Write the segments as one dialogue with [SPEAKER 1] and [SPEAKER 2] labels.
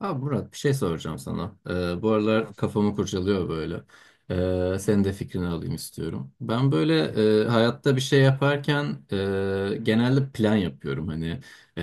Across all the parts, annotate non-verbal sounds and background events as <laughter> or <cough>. [SPEAKER 1] Abi Murat bir şey soracağım sana. Bu
[SPEAKER 2] Hı.
[SPEAKER 1] aralar kafamı kurcalıyor böyle. Senin de fikrini alayım istiyorum. Ben böyle hayatta bir şey yaparken genelde plan yapıyorum hani E,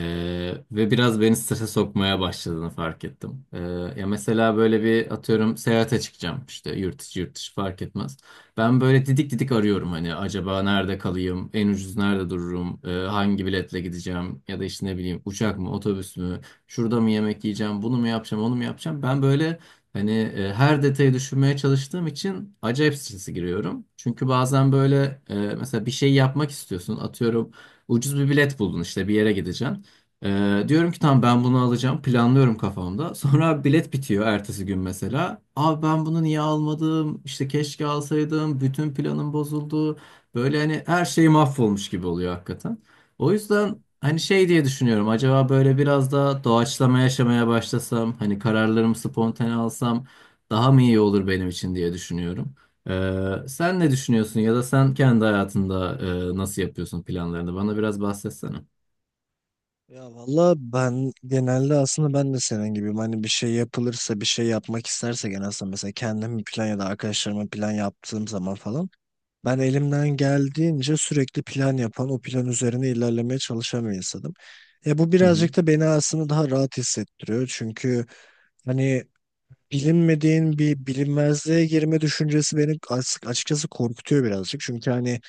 [SPEAKER 1] ve biraz beni strese sokmaya başladığını fark ettim. Ya mesela böyle bir atıyorum seyahate çıkacağım işte yurt içi yurt dışı fark etmez. Ben böyle didik didik arıyorum hani acaba nerede kalayım, en ucuz nerede dururum, hangi biletle gideceğim ya da işte ne bileyim uçak mı otobüs mü? Şurada mı yemek yiyeceğim, bunu mu yapacağım, onu mu yapacağım? Ben böyle hani her detayı düşünmeye çalıştığım için acayip strese giriyorum. Çünkü bazen böyle mesela bir şey yapmak istiyorsun. Atıyorum ucuz bir bilet buldun işte bir yere gideceksin. Diyorum ki tamam ben bunu alacağım. Planlıyorum kafamda. Sonra bilet bitiyor ertesi gün mesela. Abi ben bunu niye almadım? İşte keşke alsaydım. Bütün planım bozuldu. Böyle hani her şey mahvolmuş gibi oluyor hakikaten. O yüzden hani şey diye düşünüyorum. Acaba böyle biraz da doğaçlama yaşamaya başlasam, hani kararlarımı spontane alsam daha mı iyi olur benim için diye düşünüyorum. Sen ne düşünüyorsun ya da sen kendi hayatında nasıl yapıyorsun planlarını? Bana biraz bahsetsene.
[SPEAKER 2] Ya valla ben genelde aslında ben de senin gibiyim. Hani bir şey yapılırsa, bir şey yapmak isterse genelde aslında mesela kendim bir plan ya da arkadaşlarıma plan yaptığım zaman falan. Ben elimden geldiğince sürekli plan yapan, o plan üzerine ilerlemeye çalışan bir insanım. Ya bu
[SPEAKER 1] Hı hı.
[SPEAKER 2] birazcık da beni aslında daha rahat hissettiriyor. Çünkü hani bilinmediğin bir bilinmezliğe girme düşüncesi beni açıkçası korkutuyor birazcık. Çünkü hani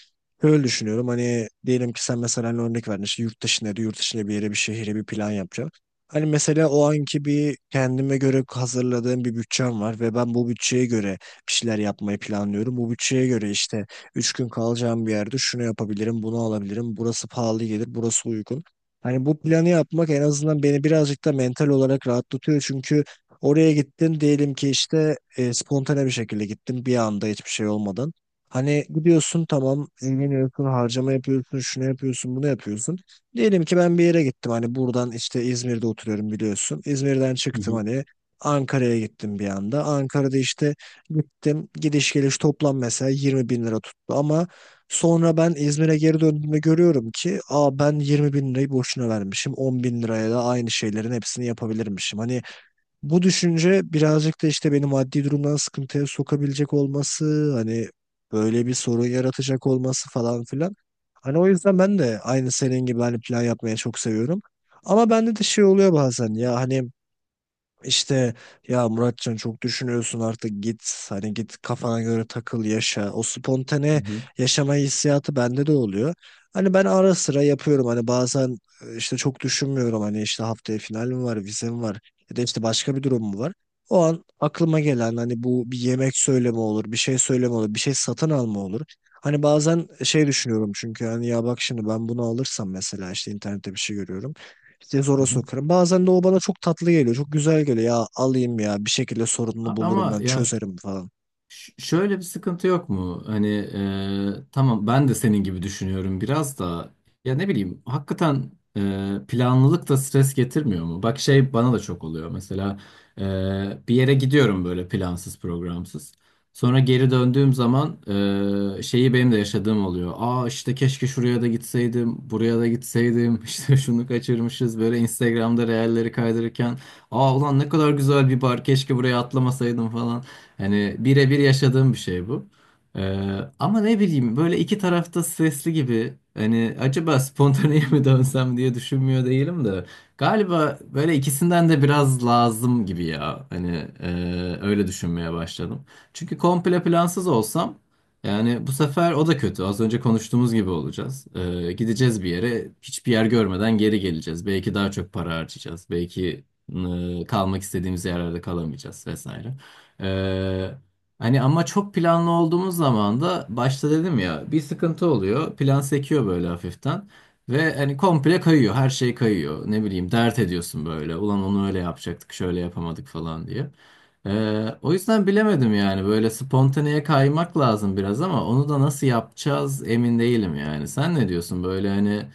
[SPEAKER 2] öyle düşünüyorum hani diyelim ki sen mesela hani örnek verdin işte yurt dışında yurt dışında bir yere bir şehire bir plan yapacağım. Hani mesela o anki bir kendime göre hazırladığım bir bütçem var ve ben bu bütçeye göre bir şeyler yapmayı planlıyorum. Bu bütçeye göre işte 3 gün kalacağım bir yerde şunu yapabilirim, bunu alabilirim. Burası pahalı gelir, burası uygun. Hani bu planı yapmak en azından beni birazcık da mental olarak rahatlatıyor. Çünkü oraya gittin diyelim ki işte spontane bir şekilde gittin bir anda hiçbir şey olmadan. Hani gidiyorsun tamam eğleniyorsun harcama yapıyorsun şunu yapıyorsun bunu yapıyorsun. Diyelim ki ben bir yere gittim hani buradan işte İzmir'de oturuyorum biliyorsun. İzmir'den
[SPEAKER 1] Hı
[SPEAKER 2] çıktım
[SPEAKER 1] hı.
[SPEAKER 2] hani Ankara'ya gittim bir anda. Ankara'da işte gittim gidiş geliş toplam mesela 20 bin lira tuttu ama sonra ben İzmir'e geri döndüğümde görüyorum ki aa ben 20 bin lirayı boşuna vermişim 10 bin liraya da aynı şeylerin hepsini yapabilirmişim. Hani bu düşünce birazcık da işte beni maddi durumdan sıkıntıya sokabilecek olması, hani böyle bir sorun yaratacak olması falan filan. Hani o yüzden ben de aynı senin gibi hani plan yapmaya çok seviyorum. Ama bende de şey oluyor bazen ya hani işte ya Muratcan çok düşünüyorsun artık git hani git kafana göre takıl yaşa. O
[SPEAKER 1] Hı
[SPEAKER 2] spontane
[SPEAKER 1] hı.
[SPEAKER 2] yaşama hissiyatı bende de oluyor. Hani ben ara sıra yapıyorum hani bazen işte çok düşünmüyorum hani işte haftaya finalim var, vizem var ya da işte başka bir durum mu var. O an aklıma gelen hani bu bir yemek söyleme olur, bir şey söyleme olur, bir şey satın alma olur. Hani bazen şey düşünüyorum çünkü hani ya bak şimdi ben bunu alırsam mesela işte internette bir şey görüyorum. İşte
[SPEAKER 1] Hı
[SPEAKER 2] zora
[SPEAKER 1] hı.
[SPEAKER 2] sokarım. Bazen de o bana çok tatlı geliyor. Çok güzel geliyor. Ya alayım ya bir şekilde sorununu
[SPEAKER 1] Abi
[SPEAKER 2] bulurum
[SPEAKER 1] ama
[SPEAKER 2] ben
[SPEAKER 1] ya
[SPEAKER 2] çözerim falan.
[SPEAKER 1] Şöyle bir sıkıntı yok mu? Hani tamam ben de senin gibi düşünüyorum biraz da ya ne bileyim hakikaten planlılık da stres getirmiyor mu? Bak şey bana da çok oluyor mesela e, bir yere gidiyorum böyle plansız programsız. Sonra geri döndüğüm zaman şeyi benim de yaşadığım oluyor. Aa işte keşke şuraya da gitseydim, buraya da gitseydim. <laughs> İşte şunu kaçırmışız böyle Instagram'da reelleri kaydırırken. Aa ulan ne kadar güzel bir bar keşke buraya atlamasaydım falan. Hani birebir yaşadığım bir şey bu. Ama ne bileyim böyle iki tarafta stresli gibi hani acaba spontaneye <laughs> mi dönsem diye düşünmüyor değilim de galiba böyle ikisinden de biraz lazım gibi ya hani e, öyle düşünmeye başladım. Çünkü komple plansız olsam yani bu sefer o da kötü az önce konuştuğumuz gibi olacağız. Gideceğiz bir yere hiçbir yer görmeden geri geleceğiz belki daha çok para harcayacağız belki kalmak istediğimiz yerlerde kalamayacağız vesaire. Ee, Hani ama çok planlı olduğumuz zaman da başta dedim ya bir sıkıntı oluyor. Plan sekiyor böyle hafiften. Ve hani komple kayıyor. Her şey kayıyor. Ne bileyim dert ediyorsun böyle. Ulan onu öyle yapacaktık, şöyle yapamadık falan diye.
[SPEAKER 2] Evet.
[SPEAKER 1] O yüzden bilemedim yani. Böyle spontaneye kaymak lazım biraz ama onu da nasıl yapacağız emin değilim yani. Sen ne diyorsun? Böyle hani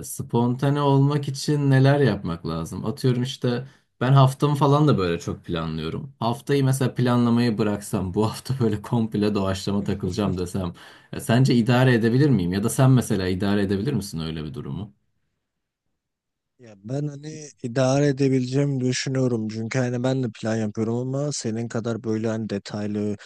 [SPEAKER 1] spontane olmak için neler yapmak lazım? Atıyorum işte ben haftamı falan da böyle çok planlıyorum. Haftayı mesela planlamayı bıraksam, bu hafta böyle komple doğaçlama takılacağım desem, sence idare edebilir miyim? Ya da sen mesela idare edebilir misin öyle bir durumu?
[SPEAKER 2] Ya ben hani idare edebileceğimi düşünüyorum. Çünkü hani ben de plan yapıyorum ama senin kadar böyle hani detaylı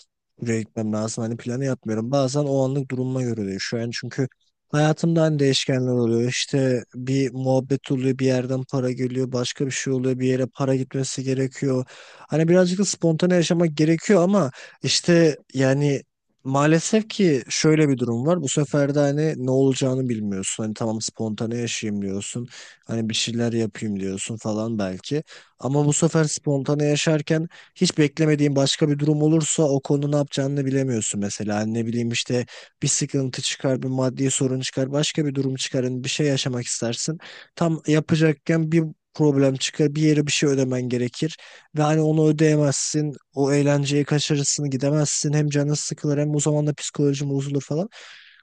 [SPEAKER 2] buraya gitmem lazım. Hani planı yapmıyorum. Bazen o anlık durumuma göre değişiyor. Yani çünkü hayatımda hani değişkenler oluyor. İşte bir muhabbet oluyor, bir yerden para geliyor, başka bir şey oluyor, bir yere para gitmesi gerekiyor. Hani birazcık da spontane yaşamak gerekiyor ama işte yani maalesef ki şöyle bir durum var. Bu sefer de hani ne olacağını bilmiyorsun. Hani tamam spontane yaşayayım diyorsun. Hani bir şeyler yapayım diyorsun falan belki. Ama bu sefer spontane yaşarken hiç beklemediğin başka bir durum olursa o konu ne yapacağını bilemiyorsun mesela. Hani ne bileyim işte bir sıkıntı çıkar, bir maddi sorun çıkar, başka bir durum çıkar, hani bir şey yaşamak istersin. Tam yapacakken bir problem çıkar, bir yere bir şey ödemen gerekir ve hani onu ödeyemezsin, o eğlenceyi kaçırırsın, gidemezsin, hem canın sıkılır hem o zaman da psikolojim bozulur falan.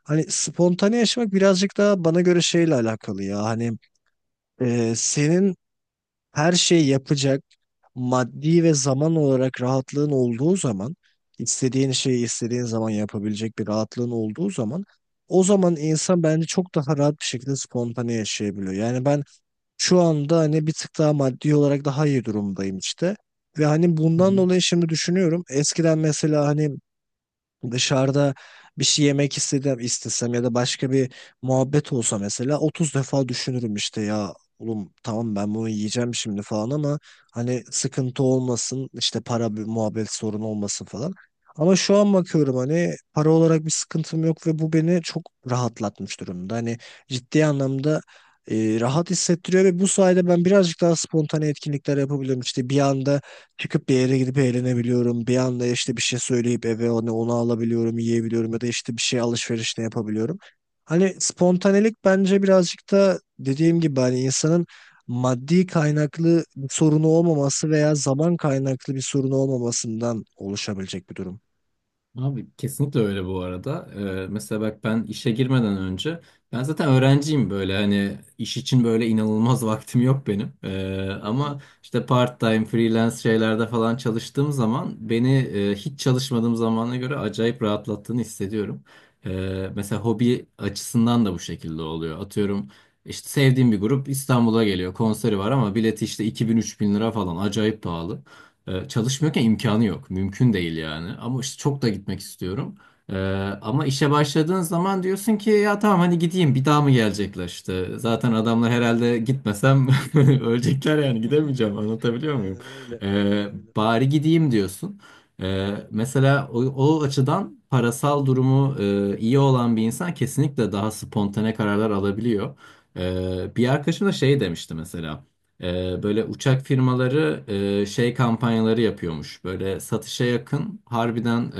[SPEAKER 2] Hani spontane yaşamak birazcık daha bana göre şeyle alakalı ya. Hani senin her şeyi yapacak maddi ve zaman olarak rahatlığın olduğu zaman istediğin şeyi istediğin zaman yapabilecek bir rahatlığın olduğu zaman o zaman insan bence çok daha rahat bir şekilde spontane yaşayabiliyor. Yani ben şu anda hani bir tık daha maddi olarak daha iyi durumdayım işte. Ve hani bundan dolayı şimdi düşünüyorum. Eskiden mesela hani dışarıda bir şey yemek istedim, istesem ya da başka bir muhabbet olsa mesela 30 defa düşünürüm işte ya oğlum tamam ben bunu yiyeceğim şimdi falan ama hani sıkıntı olmasın işte para bir muhabbet sorunu olmasın falan. Ama şu an bakıyorum hani para olarak bir sıkıntım yok ve bu beni çok rahatlatmış durumda. Hani ciddi anlamda rahat hissettiriyor ve bu sayede ben birazcık daha spontane etkinlikler yapabiliyorum. İşte bir anda çıkıp bir yere gidip eğlenebiliyorum. Bir anda işte bir şey söyleyip eve onu alabiliyorum, yiyebiliyorum ya da işte bir şey alışverişle yapabiliyorum. Hani spontanelik bence birazcık da dediğim gibi hani insanın maddi kaynaklı bir sorunu olmaması veya zaman kaynaklı bir sorunu olmamasından oluşabilecek bir durum.
[SPEAKER 1] Abi kesinlikle öyle bu arada. Mesela bak ben işe girmeden önce ben zaten öğrenciyim böyle hani iş için böyle inanılmaz <laughs> vaktim yok benim.
[SPEAKER 2] Hı hı.
[SPEAKER 1] Ama işte part-time freelance şeylerde falan çalıştığım zaman beni hiç çalışmadığım zamana göre acayip rahatlattığını hissediyorum. Mesela hobi açısından da bu şekilde oluyor. Atıyorum işte sevdiğim bir grup İstanbul'a geliyor konseri var ama bileti işte 2000-3000 lira falan acayip pahalı. Çalışmıyorken imkanı yok. Mümkün değil yani. Ama işte çok da gitmek istiyorum. Ee, Ama işe başladığın zaman diyorsun ki ya tamam hani gideyim bir daha mı gelecekler işte. Zaten adamlar herhalde gitmesem <laughs> ölecekler yani
[SPEAKER 2] <laughs>
[SPEAKER 1] gidemeyeceğim anlatabiliyor muyum?
[SPEAKER 2] Aynen öyle,
[SPEAKER 1] Ee,
[SPEAKER 2] aynen öyle.
[SPEAKER 1] Bari gideyim diyorsun. Mesela o açıdan parasal durumu iyi olan bir insan kesinlikle daha spontane kararlar alabiliyor. Bir arkadaşım da şey demişti mesela. Böyle uçak firmaları şey kampanyaları yapıyormuş. Böyle satışa yakın harbiden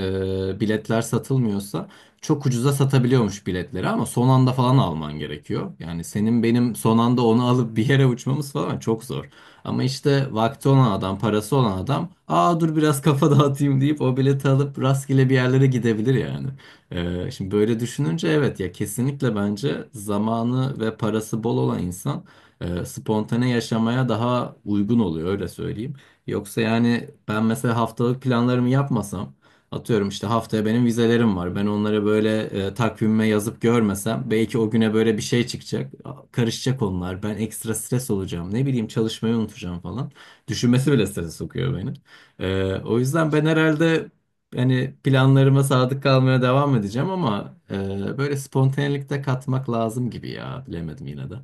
[SPEAKER 1] biletler satılmıyorsa çok ucuza satabiliyormuş biletleri ama son anda falan alman gerekiyor. Yani senin benim son anda onu alıp bir yere uçmamız falan çok zor. Ama işte vakti olan adam, parası olan adam aa dur biraz kafa <laughs> dağıtayım deyip o bileti alıp rastgele bir yerlere gidebilir yani. Şimdi böyle düşününce evet ya kesinlikle bence zamanı ve parası bol olan insan spontane yaşamaya daha uygun oluyor öyle söyleyeyim. Yoksa yani ben mesela haftalık planlarımı yapmasam atıyorum işte haftaya benim vizelerim var. Ben onları böyle takvimime yazıp görmesem belki o güne böyle bir şey çıkacak. Karışacak onlar. Ben ekstra stres olacağım. Ne bileyim çalışmayı unutacağım falan. Düşünmesi bile strese sokuyor beni. O
[SPEAKER 2] Aynı
[SPEAKER 1] yüzden ben
[SPEAKER 2] şekilde.
[SPEAKER 1] herhalde yani planlarıma sadık kalmaya devam edeceğim ama böyle spontanelikte katmak lazım gibi ya. Bilemedim yine de.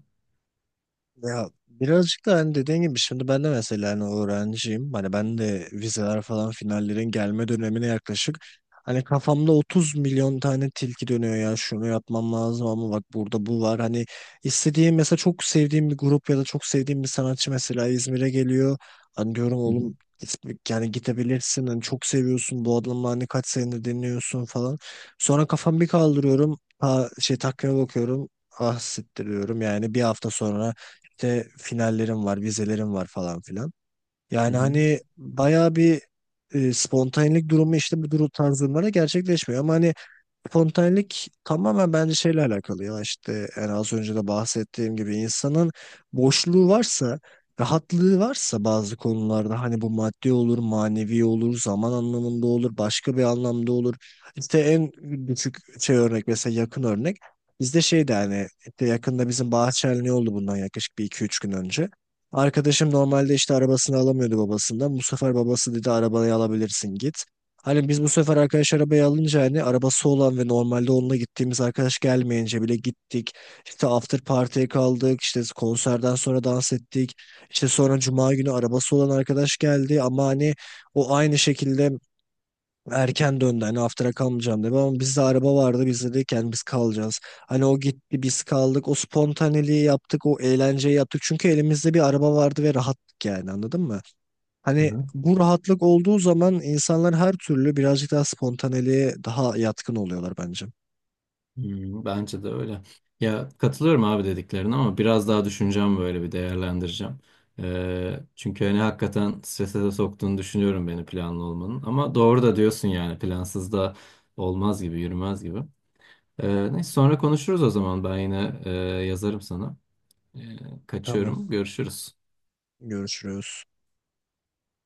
[SPEAKER 2] Ya birazcık da hani dediğin gibi şimdi ben de mesela hani öğrenciyim. Hani ben de vizeler falan finallerin gelme dönemine yaklaşık. Hani kafamda 30 milyon tane tilki dönüyor ya şunu yapmam lazım ama bak burada bu var. Hani istediğim mesela çok sevdiğim bir grup ya da çok sevdiğim bir sanatçı mesela İzmir'e geliyor. Hani diyorum
[SPEAKER 1] Hı hı.
[SPEAKER 2] oğlum yani gidebilirsin hani çok seviyorsun bu adamı hani kaç senedir dinliyorsun falan. Sonra kafamı bir kaldırıyorum. Ha, şey takvime bakıyorum. Ah siktir diyorum. Yani bir hafta sonra işte finallerim var, vizelerim var falan filan.
[SPEAKER 1] Hı
[SPEAKER 2] Yani
[SPEAKER 1] hı.
[SPEAKER 2] hani bayağı bir spontanelik durumu işte bu durum tarz durumlarda gerçekleşmiyor. Ama hani spontanelik tamamen bence şeyle alakalı ya işte en az önce de bahsettiğim gibi insanın boşluğu varsa rahatlığı varsa bazı konularda hani bu maddi olur manevi olur zaman anlamında olur başka bir anlamda olur. İşte en küçük şey örnek mesela yakın örnek bizde şeydi hani işte yakında bizim bahçeli oldu bundan yaklaşık bir iki üç gün önce arkadaşım normalde işte arabasını alamıyordu babasından bu sefer babası dedi arabayı alabilirsin git. Hani biz bu sefer arkadaş arabayı alınca hani arabası olan ve normalde onunla gittiğimiz arkadaş gelmeyince bile gittik. İşte after party'ye kaldık. İşte konserden sonra dans ettik. İşte sonra cuma günü arabası olan arkadaş geldi ama hani o aynı şekilde erken döndü. Hani after'a kalmayacağım dedi ama bizde araba vardı. Biz dedik yani biz kalacağız. Hani o gitti biz kaldık. O spontaneliği yaptık. O eğlenceyi yaptık. Çünkü elimizde bir araba vardı ve rahattık yani anladın mı?
[SPEAKER 1] Hı
[SPEAKER 2] Hani
[SPEAKER 1] hı.
[SPEAKER 2] bu rahatlık olduğu zaman insanlar her türlü birazcık daha spontaneliğe daha yatkın oluyorlar bence.
[SPEAKER 1] Hmm, bence de öyle. Ya katılıyorum abi dediklerine ama biraz daha düşüneceğim böyle bir değerlendireceğim. Çünkü hani hakikaten strese de soktuğunu düşünüyorum beni planlı olmanın. Ama doğru da diyorsun yani plansız da olmaz gibi yürümez gibi. Neyse sonra konuşuruz o zaman ben yine yazarım sana. Ee,
[SPEAKER 2] Tamam,
[SPEAKER 1] Kaçıyorum görüşürüz.
[SPEAKER 2] görüşürüz.